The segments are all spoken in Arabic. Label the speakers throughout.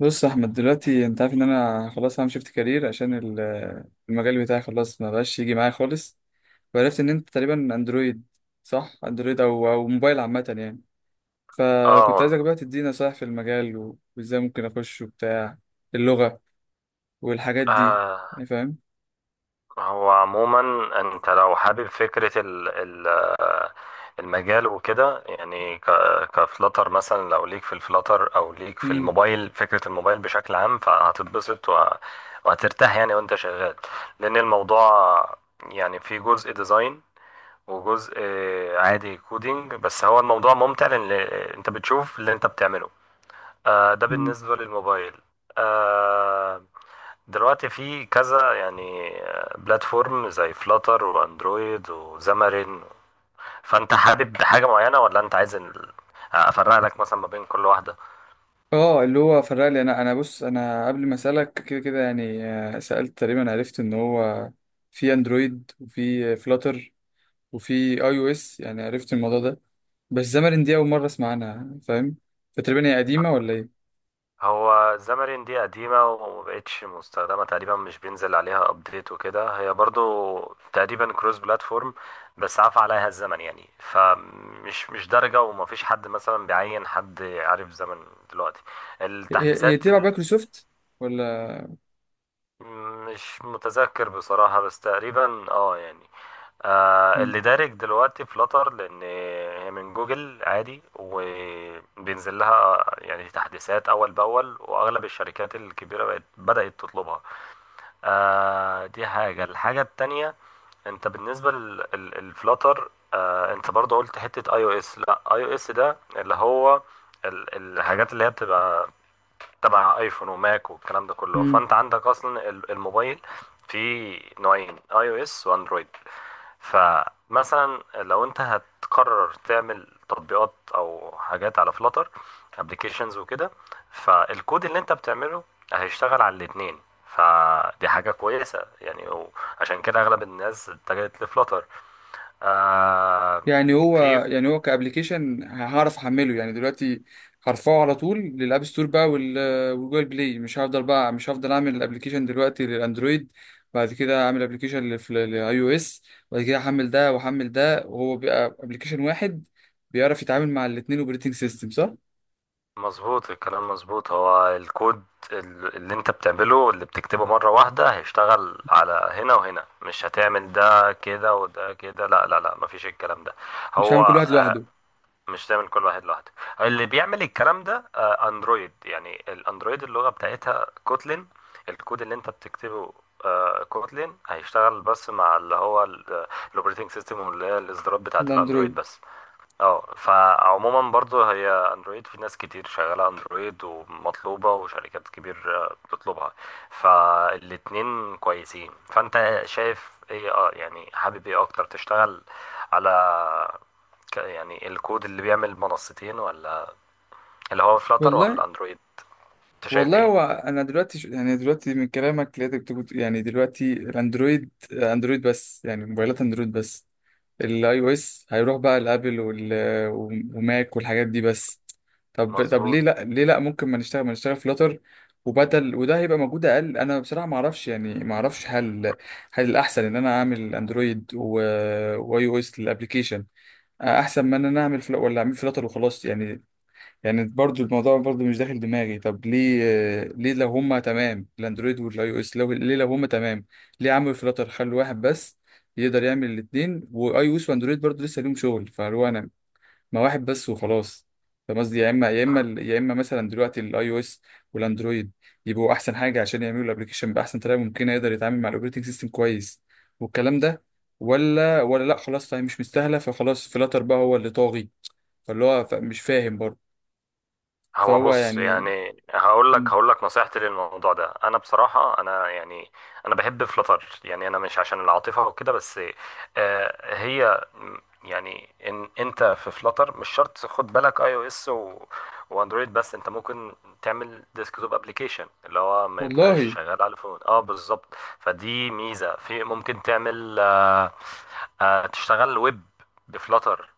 Speaker 1: بص يا احمد، دلوقتي انت عارف ان انا خلاص هعمل شيفت كارير عشان المجال بتاعي خلاص ما بقاش يجي معايا خالص. وعرفت ان انت تقريبا اندرويد، صح؟ اندرويد او موبايل عامه يعني. فكنت
Speaker 2: اه
Speaker 1: عايزك بقى تدينا نصايح في المجال و- وازاي ممكن اخش وبتاع اللغه والحاجات دي،
Speaker 2: آه،
Speaker 1: يعني فاهم.
Speaker 2: هو عموما، انت لو حابب فكرة ال المجال وكده يعني كفلتر مثلا، لو ليك في الفلتر او ليك في
Speaker 1: امم
Speaker 2: الموبايل، فكرة الموبايل بشكل عام، فهتتبسط وهترتاح يعني وانت شغال. لان الموضوع يعني في جزء ديزاين وجزء عادي كودينج، بس هو الموضوع ممتع لان انت بتشوف اللي انت بتعمله. ده
Speaker 1: مم.
Speaker 2: بالنسبة للموبايل. آه، دلوقتي في كذا يعني بلاتفورم زي فلاتر واندرويد وزامرين، فانت حابب حاجة معينة ولا انت عايز افرق لك مثلا ما بين كل واحدة؟
Speaker 1: اه، اللي هو فرق لي. انا بص، انا قبل ما اسالك كده كده يعني، سالت تقريبا، عرفت ان هو في اندرويد وفي فلاتر وفي اي او اس، يعني عرفت الموضوع ده. بس زمرين دي أول مرة أسمع عنها، فاهم؟ فتقريبا هي قديمة ولا إيه؟
Speaker 2: هو زامرين دي قديمة ومبقتش مستخدمة تقريبا، مش بينزل عليها ابديت وكده. هي برضو تقريبا كروس بلاتفورم، بس عفى عليها الزمن يعني، فمش مش درجة، ومفيش حد مثلا بيعين حد عارف زمن دلوقتي
Speaker 1: هي
Speaker 2: التحديثات.
Speaker 1: تبع مايكروسوفت ولا؟
Speaker 2: مش متذكر بصراحة، بس تقريبا يعني اللي دارج دلوقتي فلاتر، لأن هي من جوجل عادي وبينزل لها يعني تحديثات أول بأول، وأغلب الشركات الكبيرة بقت بدأت تطلبها. دي حاجة. الحاجة التانية، انت بالنسبة للفلاتر، انت برضو قلت حتة اي او اس. لا، اي او اس ده اللي هو الحاجات اللي هي بتبقى تبع ايفون وماك والكلام ده كله.
Speaker 1: مم.
Speaker 2: فانت عندك اصلا الموبايل فيه نوعين، اي او اس واندرويد. فمثلا لو انت هتقرر تعمل تطبيقات او حاجات على فلاتر، ابلكيشنز وكده، فالكود اللي انت بتعمله هيشتغل على الاتنين. فدي حاجة كويسة يعني، عشان كده اغلب الناس اتجهت لفلاتر. آه
Speaker 1: يعني هو.
Speaker 2: في.
Speaker 1: يعني هو كأبليكيشن هعرف أحمله يعني دلوقتي، هرفعه على طول للأب ستور بقى وال- والجوجل بلاي. مش هفضل أعمل الأبليكيشن دلوقتي للأندرويد، بعد كده أعمل أبليكيشن للأي أو إس. بعد كده أحمل ده وأحمل ده، وهو بيبقى أبليكيشن واحد بيعرف يتعامل مع الاتنين أوبريتنج سيستم، صح؟
Speaker 2: مظبوط. الكلام مظبوط. هو الكود اللي انت بتعمله اللي بتكتبه مرة واحدة هيشتغل على هنا وهنا، مش هتعمل ده كده وده كده. لا، لا، لا، مفيش الكلام ده.
Speaker 1: مش
Speaker 2: هو
Speaker 1: هعمل كل واحد
Speaker 2: آه،
Speaker 1: لوحده.
Speaker 2: مش تعمل كل واحد لوحده. اللي بيعمل الكلام ده اندرويد يعني، الاندرويد اللغة بتاعتها كوتلين. الكود اللي انت بتكتبه كوتلين هيشتغل بس مع اللي هو الاوبريتنج سيستم، واللي هي الاصدارات بتاعت الاندرويد
Speaker 1: الأندرويد.
Speaker 2: بس. اه فعموما برضو هي اندرويد، في ناس كتير شغالة اندرويد ومطلوبة، وشركات كبير بتطلبها. فالاتنين كويسين. فانت شايف ايه يعني، حابب ايه اكتر تشتغل على يعني الكود اللي بيعمل منصتين، ولا اللي هو فلاتر،
Speaker 1: والله،
Speaker 2: ولا اندرويد؟ انت شايف
Speaker 1: والله
Speaker 2: ايه؟
Speaker 1: هو انا دلوقتي يعني دلوقتي من كلامك لقيتك بتقول يعني دلوقتي، الاندرويد اندرويد بس، يعني موبايلات اندرويد بس. الاي او اس هيروح بقى لابل وال... وماك والحاجات دي بس. طب ليه
Speaker 2: مظبوط.
Speaker 1: لا ليه لا ممكن ما نشتغل فلاتر، وبدل وده هيبقى موجود اقل. انا بصراحه ما اعرفش، يعني ما اعرفش هل الاحسن ان انا اعمل اندرويد و... واي او اس للابلكيشن، احسن ما ان انا اعمل ولا اعمل فلاتر وخلاص يعني؟ يعني برضو الموضوع برضو مش داخل دماغي. طب ليه لو هما تمام الاندرويد والاي او اس، لو ليه لو هما تمام، ليه عملوا فلاتر؟ خلوا واحد بس يقدر يعمل الاثنين واي او اس واندرويد. برضو لسه ليهم شغل، فهو انا ما واحد بس وخلاص. فاهم قصدي؟ يا اما مثلا دلوقتي الاي او اس والاندرويد يبقوا احسن حاجه عشان يعملوا الابلكيشن باحسن طريقه ممكنه، يقدر يتعامل مع الاوبريتنج سيستم كويس، والكلام ده. ولا لا خلاص، طيب مش مستاهله، فخلاص فلاتر بقى هو اللي طاغي. فاللي هو مش فاهم برضه.
Speaker 2: هو
Speaker 1: فهو
Speaker 2: بص
Speaker 1: يعني.
Speaker 2: يعني، هقول لك
Speaker 1: مم.
Speaker 2: هقول لك نصيحتي للموضوع ده. انا بصراحه انا يعني انا بحب فلتر، يعني انا مش عشان العاطفه وكده بس. هي يعني ان انت في فلتر مش شرط خد بالك اي او اس واندرويد، بس انت ممكن تعمل ديسكتوب ابلكيشن اللي هو ما يبقاش
Speaker 1: والله.
Speaker 2: شغال على الفون. اه، بالظبط. فدي ميزه، في ممكن تعمل تشتغل ويب بفلتر.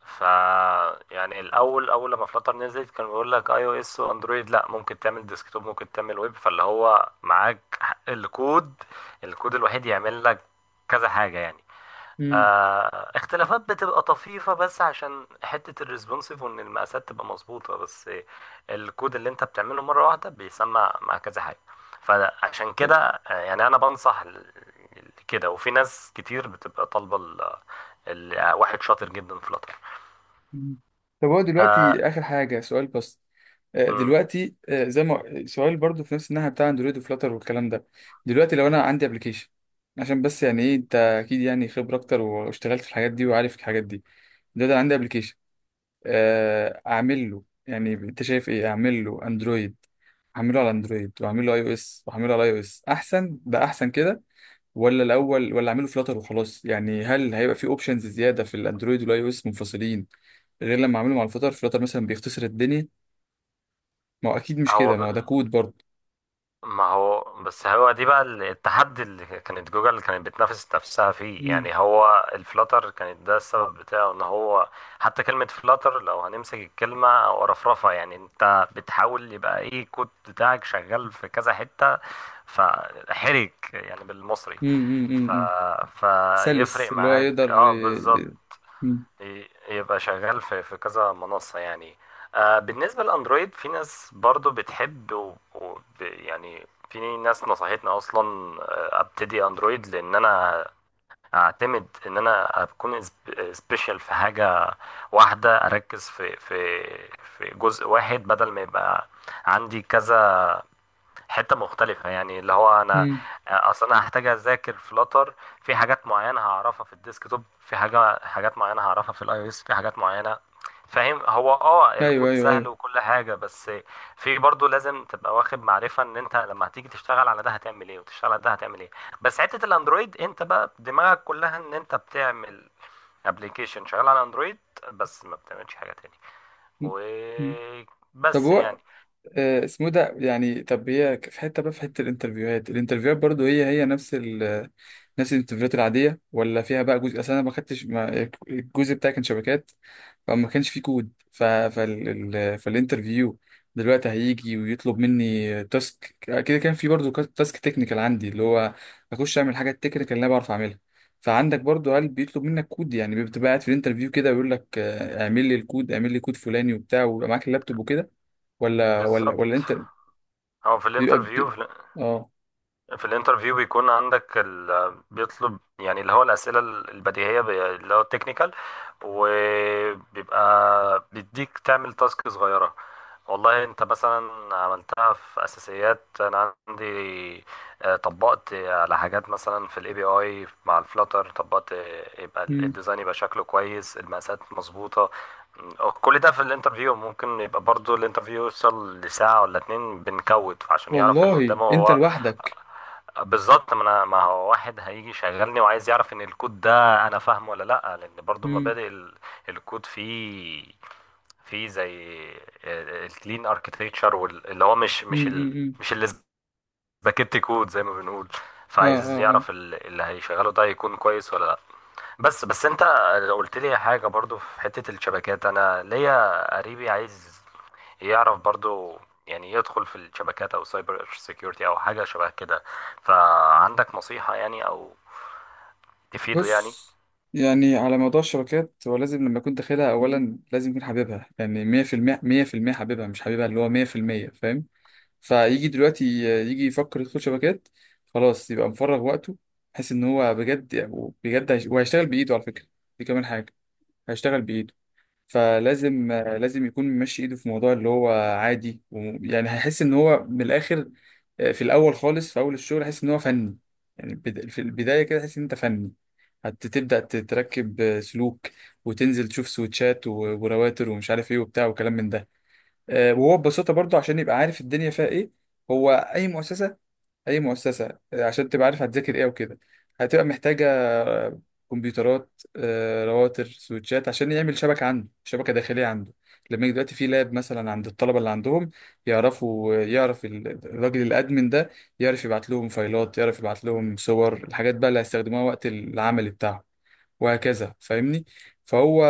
Speaker 2: ف يعني الاول لما فلاتر نزلت كان بيقول لك اي او اس واندرويد. لا، ممكن تعمل ديسكتوب، ممكن تعمل ويب. فاللي هو معاك حق، الكود الوحيد يعمل لك كذا حاجه يعني.
Speaker 1: مم.
Speaker 2: اختلافات بتبقى طفيفه بس، عشان حته الريسبونسيف وان المقاسات تبقى مظبوطه. بس الكود اللي انت بتعمله مره واحده بيسمع مع كذا حاجه. فعشان
Speaker 1: طب.
Speaker 2: كده يعني انا بنصح كده، وفي ناس كتير بتبقى طالبه واحد شاطر جدا في فلاتر.
Speaker 1: مم. طب هو
Speaker 2: آه
Speaker 1: دلوقتي آخر حاجة، سؤال بس.
Speaker 2: مم.
Speaker 1: دلوقتي، زي ما سؤال برضو في نفس الناحية بتاع اندرويد وفلاتر والكلام ده. دلوقتي لو أنا عندي ابلكيشن، عشان بس يعني إيه، أنت أكيد يعني خبرة أكتر واشتغلت في الحاجات دي وعارف الحاجات دي. دلوقتي أنا عندي ابلكيشن، أعمل له يعني، أنت شايف إيه أعمل له؟ أندرويد، أعمله على أندرويد وأعمله على أي أو إس، وأعمله على أي أو إس أحسن، ده أحسن كده ولا الاول، ولا اعمله فلاتر وخلاص يعني؟ هل هيبقى في اوبشنز زياده في الاندرويد والاي او اس منفصلين غير لما اعمله مع الفلاتر؟ فلاتر مثلا بيختصر الدنيا. ما هو اكيد مش
Speaker 2: هو
Speaker 1: كده،
Speaker 2: ب...
Speaker 1: ما هو ده كود برضه.
Speaker 2: ما هو بس هو دي بقى التحدي اللي كانت جوجل كانت بتنافس نفسها فيه
Speaker 1: امم.
Speaker 2: يعني. هو الفلاتر كانت ده السبب بتاعه، ان هو حتى كلمة فلاتر لو هنمسك الكلمة ورفرفة، يعني انت بتحاول يبقى ايه الكود بتاعك شغال في كذا حتة. فحرك يعني بالمصري.
Speaker 1: امم.
Speaker 2: ف...
Speaker 1: امم. أمم. سلس،
Speaker 2: فيفرق
Speaker 1: اللي هو
Speaker 2: معاك
Speaker 1: يقدر
Speaker 2: اه بالظبط.
Speaker 1: أمم.
Speaker 2: يبقى شغال في كذا منصة يعني. بالنسبة للأندرويد، في ناس برضو بتحب يعني في ناس نصحتني أصلا أبتدي أندرويد، لأن أنا أعتمد إن أنا أكون سبيشال في حاجة واحدة، أركز في جزء واحد بدل ما يبقى عندي كذا حتة مختلفة يعني. اللي هو أنا
Speaker 1: أمم.
Speaker 2: أصلا أنا هحتاج أذاكر فلاتر، في حاجات معينة هعرفها في الديسكتوب، في حاجة حاجات معينة هعرفها في الأي أو إس، في حاجات معينة. فاهم. هو
Speaker 1: ايوه،
Speaker 2: الكود
Speaker 1: ايوه،
Speaker 2: سهل
Speaker 1: ايوه.
Speaker 2: وكل حاجة بس، في برضه لازم تبقى واخد معرفة ان انت لما هتيجي تشتغل على ده هتعمل ايه، وتشتغل على ده هتعمل ايه. بس حتة الاندرويد انت بقى دماغك كلها ان انت بتعمل ابلكيشن شغال على اندرويد بس، ما بتعملش حاجة تاني
Speaker 1: أمم. أمم. طب
Speaker 2: وبس
Speaker 1: هو،
Speaker 2: يعني.
Speaker 1: اسمه ده يعني. طب هي في حته بقى، في حته الانترفيوهات، الانترفيوهات برضه هي نفس الانترفيوهات العاديه، ولا فيها بقى جزء؟ اصل انا ما خدتش، الجزء بتاعي كان شبكات، فما كانش في كود. فالانترفيو دلوقتي هيجي ويطلب مني تاسك، كده كان في برضو تاسك تكنيكال عندي، اللي هو اخش اعمل حاجات تكنيكال اللي انا بعرف اعملها. فعندك برضو قال بيطلب منك كود؟ يعني بتبقى قاعد في الانترفيو كده ويقول لك، اعمل لي الكود، اعمل لي كود فلاني وبتاع، ويبقى معاك اللابتوب وكده، ولا
Speaker 2: بالظبط.
Speaker 1: انت؟
Speaker 2: هو في
Speaker 1: بيبقى
Speaker 2: الانترفيو
Speaker 1: بي... اه.
Speaker 2: في الانترفيو بيكون عندك بيطلب يعني اللي هو الأسئلة البديهية، اللي هو التكنيكال، وبيبقى بيديك تعمل تاسك صغيرة. والله انت مثلا عملتها في اساسيات انا عندي، طبقت على حاجات مثلا في الاي بي اي مع الفلاتر، طبقت يبقى
Speaker 1: مم.
Speaker 2: الديزاين يبقى شكله كويس، المقاسات مظبوطه. كل ده في الانترفيو ممكن يبقى برضو الانترفيو يوصل لساعه ولا اتنين بنكود، عشان يعرف اللي
Speaker 1: والله
Speaker 2: قدامه
Speaker 1: انت
Speaker 2: هو.
Speaker 1: لوحدك؟
Speaker 2: بالظبط. ما انا، ما هو واحد هيجي يشغلني وعايز يعرف ان الكود ده انا فاهمه ولا لا، لان برضو
Speaker 1: امم.
Speaker 2: مبادئ الكود فيه زي الكلين اركتكتشر، اللي هو
Speaker 1: امم. امم.
Speaker 2: مش اللي سباكيت كود زي ما بنقول.
Speaker 1: اه.
Speaker 2: فعايز
Speaker 1: اه.
Speaker 2: يعرف اللي هيشغله ده يكون كويس ولا لا. بس انت قلت لي حاجه برضو في حته الشبكات. انا ليا قريبي عايز يعرف برضو يعني، يدخل في الشبكات او سايبر سيكيورتي او حاجه شبه كده. فعندك نصيحه يعني، او تفيده يعني؟
Speaker 1: بص، يعني على موضوع الشبكات، هو لازم لما يكون داخلها أولا لازم يكون حبيبها، يعني 100%، 100% حبيبها، مش حبيبها اللي هو 100%، فاهم؟ فيجي دلوقتي، يجي يفكر يدخل شبكات، خلاص يبقى مفرغ وقته، بحيث إن هو بجد بجد وهيشتغل بإيده، على فكرة. دي كمان حاجة، هيشتغل بإيده. فلازم يكون ماشي إيده في موضوع، اللي هو عادي. يعني هيحس إن هو من الآخر، في الأول خالص، في أول الشغل هيحس إن هو فني، يعني في البداية كده تحس إن أنت فني. هتبدأ تركب سلوك، وتنزل تشوف سويتشات و- ورواتر ومش عارف ايه وبتاع وكلام من ده، وهو ببساطة برضو، عشان يبقى عارف الدنيا فيها ايه. هو أي مؤسسة، أي مؤسسة، عشان تبقى عارف هتذاكر ايه وكده، هتبقى محتاجة آه، كمبيوترات، رواتر، سويتشات، عشان يعمل شبكة عنده، شبكة داخلية عنده. لما يجي دلوقتي في لاب مثلا عند الطلبة اللي عندهم، يعرفوا، يعرف الراجل الأدمن ده يعرف يبعت لهم فايلات، يعرف يبعت لهم صور، الحاجات بقى اللي هيستخدموها وقت العمل بتاعهم، وهكذا، فاهمني؟ فهو،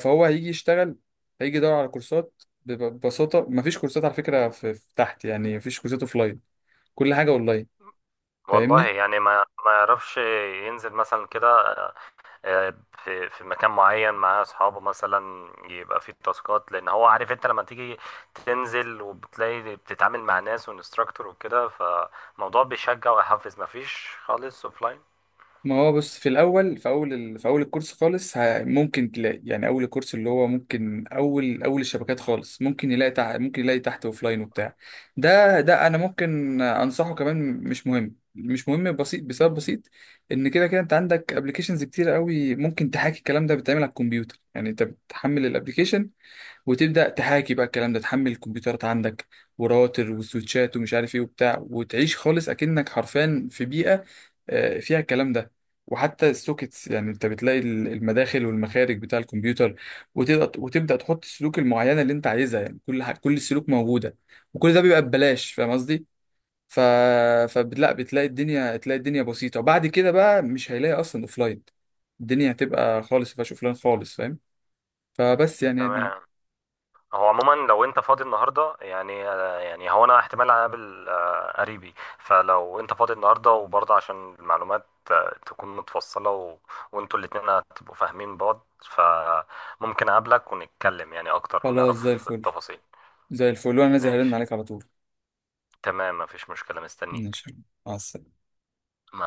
Speaker 1: فهو هيجي يشتغل، هيجي يدور على كورسات، ببساطة مفيش كورسات على فكرة في تحت، يعني مفيش كورسات اوفلاين، كل حاجة اونلاين،
Speaker 2: والله
Speaker 1: فاهمني؟
Speaker 2: يعني، ما يعرفش ينزل مثلا كده آه، في مكان معين مع اصحابه، مثلا يبقى فيه تاسكات، لان هو عارف انت لما تيجي تنزل وبتلاقي بتتعامل مع ناس وانستراكتور وكده، فالموضوع بيشجع ويحفز. ما فيش خالص اوفلاين.
Speaker 1: ما هو بص، في اول الكورس خالص، ممكن تلاقي يعني، اول الكورس اللي هو ممكن، اول الشبكات خالص ممكن يلاقي ممكن يلاقي تحت اوفلاين وبتاع. ده انا ممكن انصحه كمان، مش مهم، مش مهم، بسيط، بسبب بسيط، ان كده كده انت عندك ابلكيشنز كتير قوي، ممكن تحاكي الكلام ده بتتعمل على الكمبيوتر، يعني انت بتحمل الابلكيشن وتبدا تحاكي بقى الكلام ده، تحمل الكمبيوترات عندك، وراوتر وسويتشات ومش عارف ايه وبتاع، وتعيش خالص اكنك حرفيا في بيئه فيها الكلام ده. وحتى السوكيتس، يعني انت بتلاقي المداخل والمخارج بتاع الكمبيوتر، وتبدا تحط السلوك المعينه اللي انت عايزها، يعني كل السلوك موجوده، وكل ده بيبقى ببلاش، فاهم قصدي؟ ف فلا بتلاقي الدنيا، تلاقي الدنيا بسيطه، وبعد كده بقى مش هيلاقي اصلا اوفلاين. الدنيا هتبقى خالص مفيهاش اوفلاين خالص، فاهم؟ فبس يعني دي.
Speaker 2: تمام. هو عموما لو انت فاضي النهارده يعني هو انا احتمال اقابل قريبي. فلو انت فاضي النهارده وبرضه عشان المعلومات تكون متفصله وانتوا الاتنين هتبقوا فاهمين بعض، فممكن اقابلك ونتكلم يعني اكتر
Speaker 1: خلاص، زي
Speaker 2: ونعرف
Speaker 1: الفل.
Speaker 2: التفاصيل.
Speaker 1: زي الفل، وانا نازل هرن
Speaker 2: ماشي.
Speaker 1: عليك على طول.
Speaker 2: تمام. مفيش مشكله. مستنيك.
Speaker 1: ماشي، مع السلامة.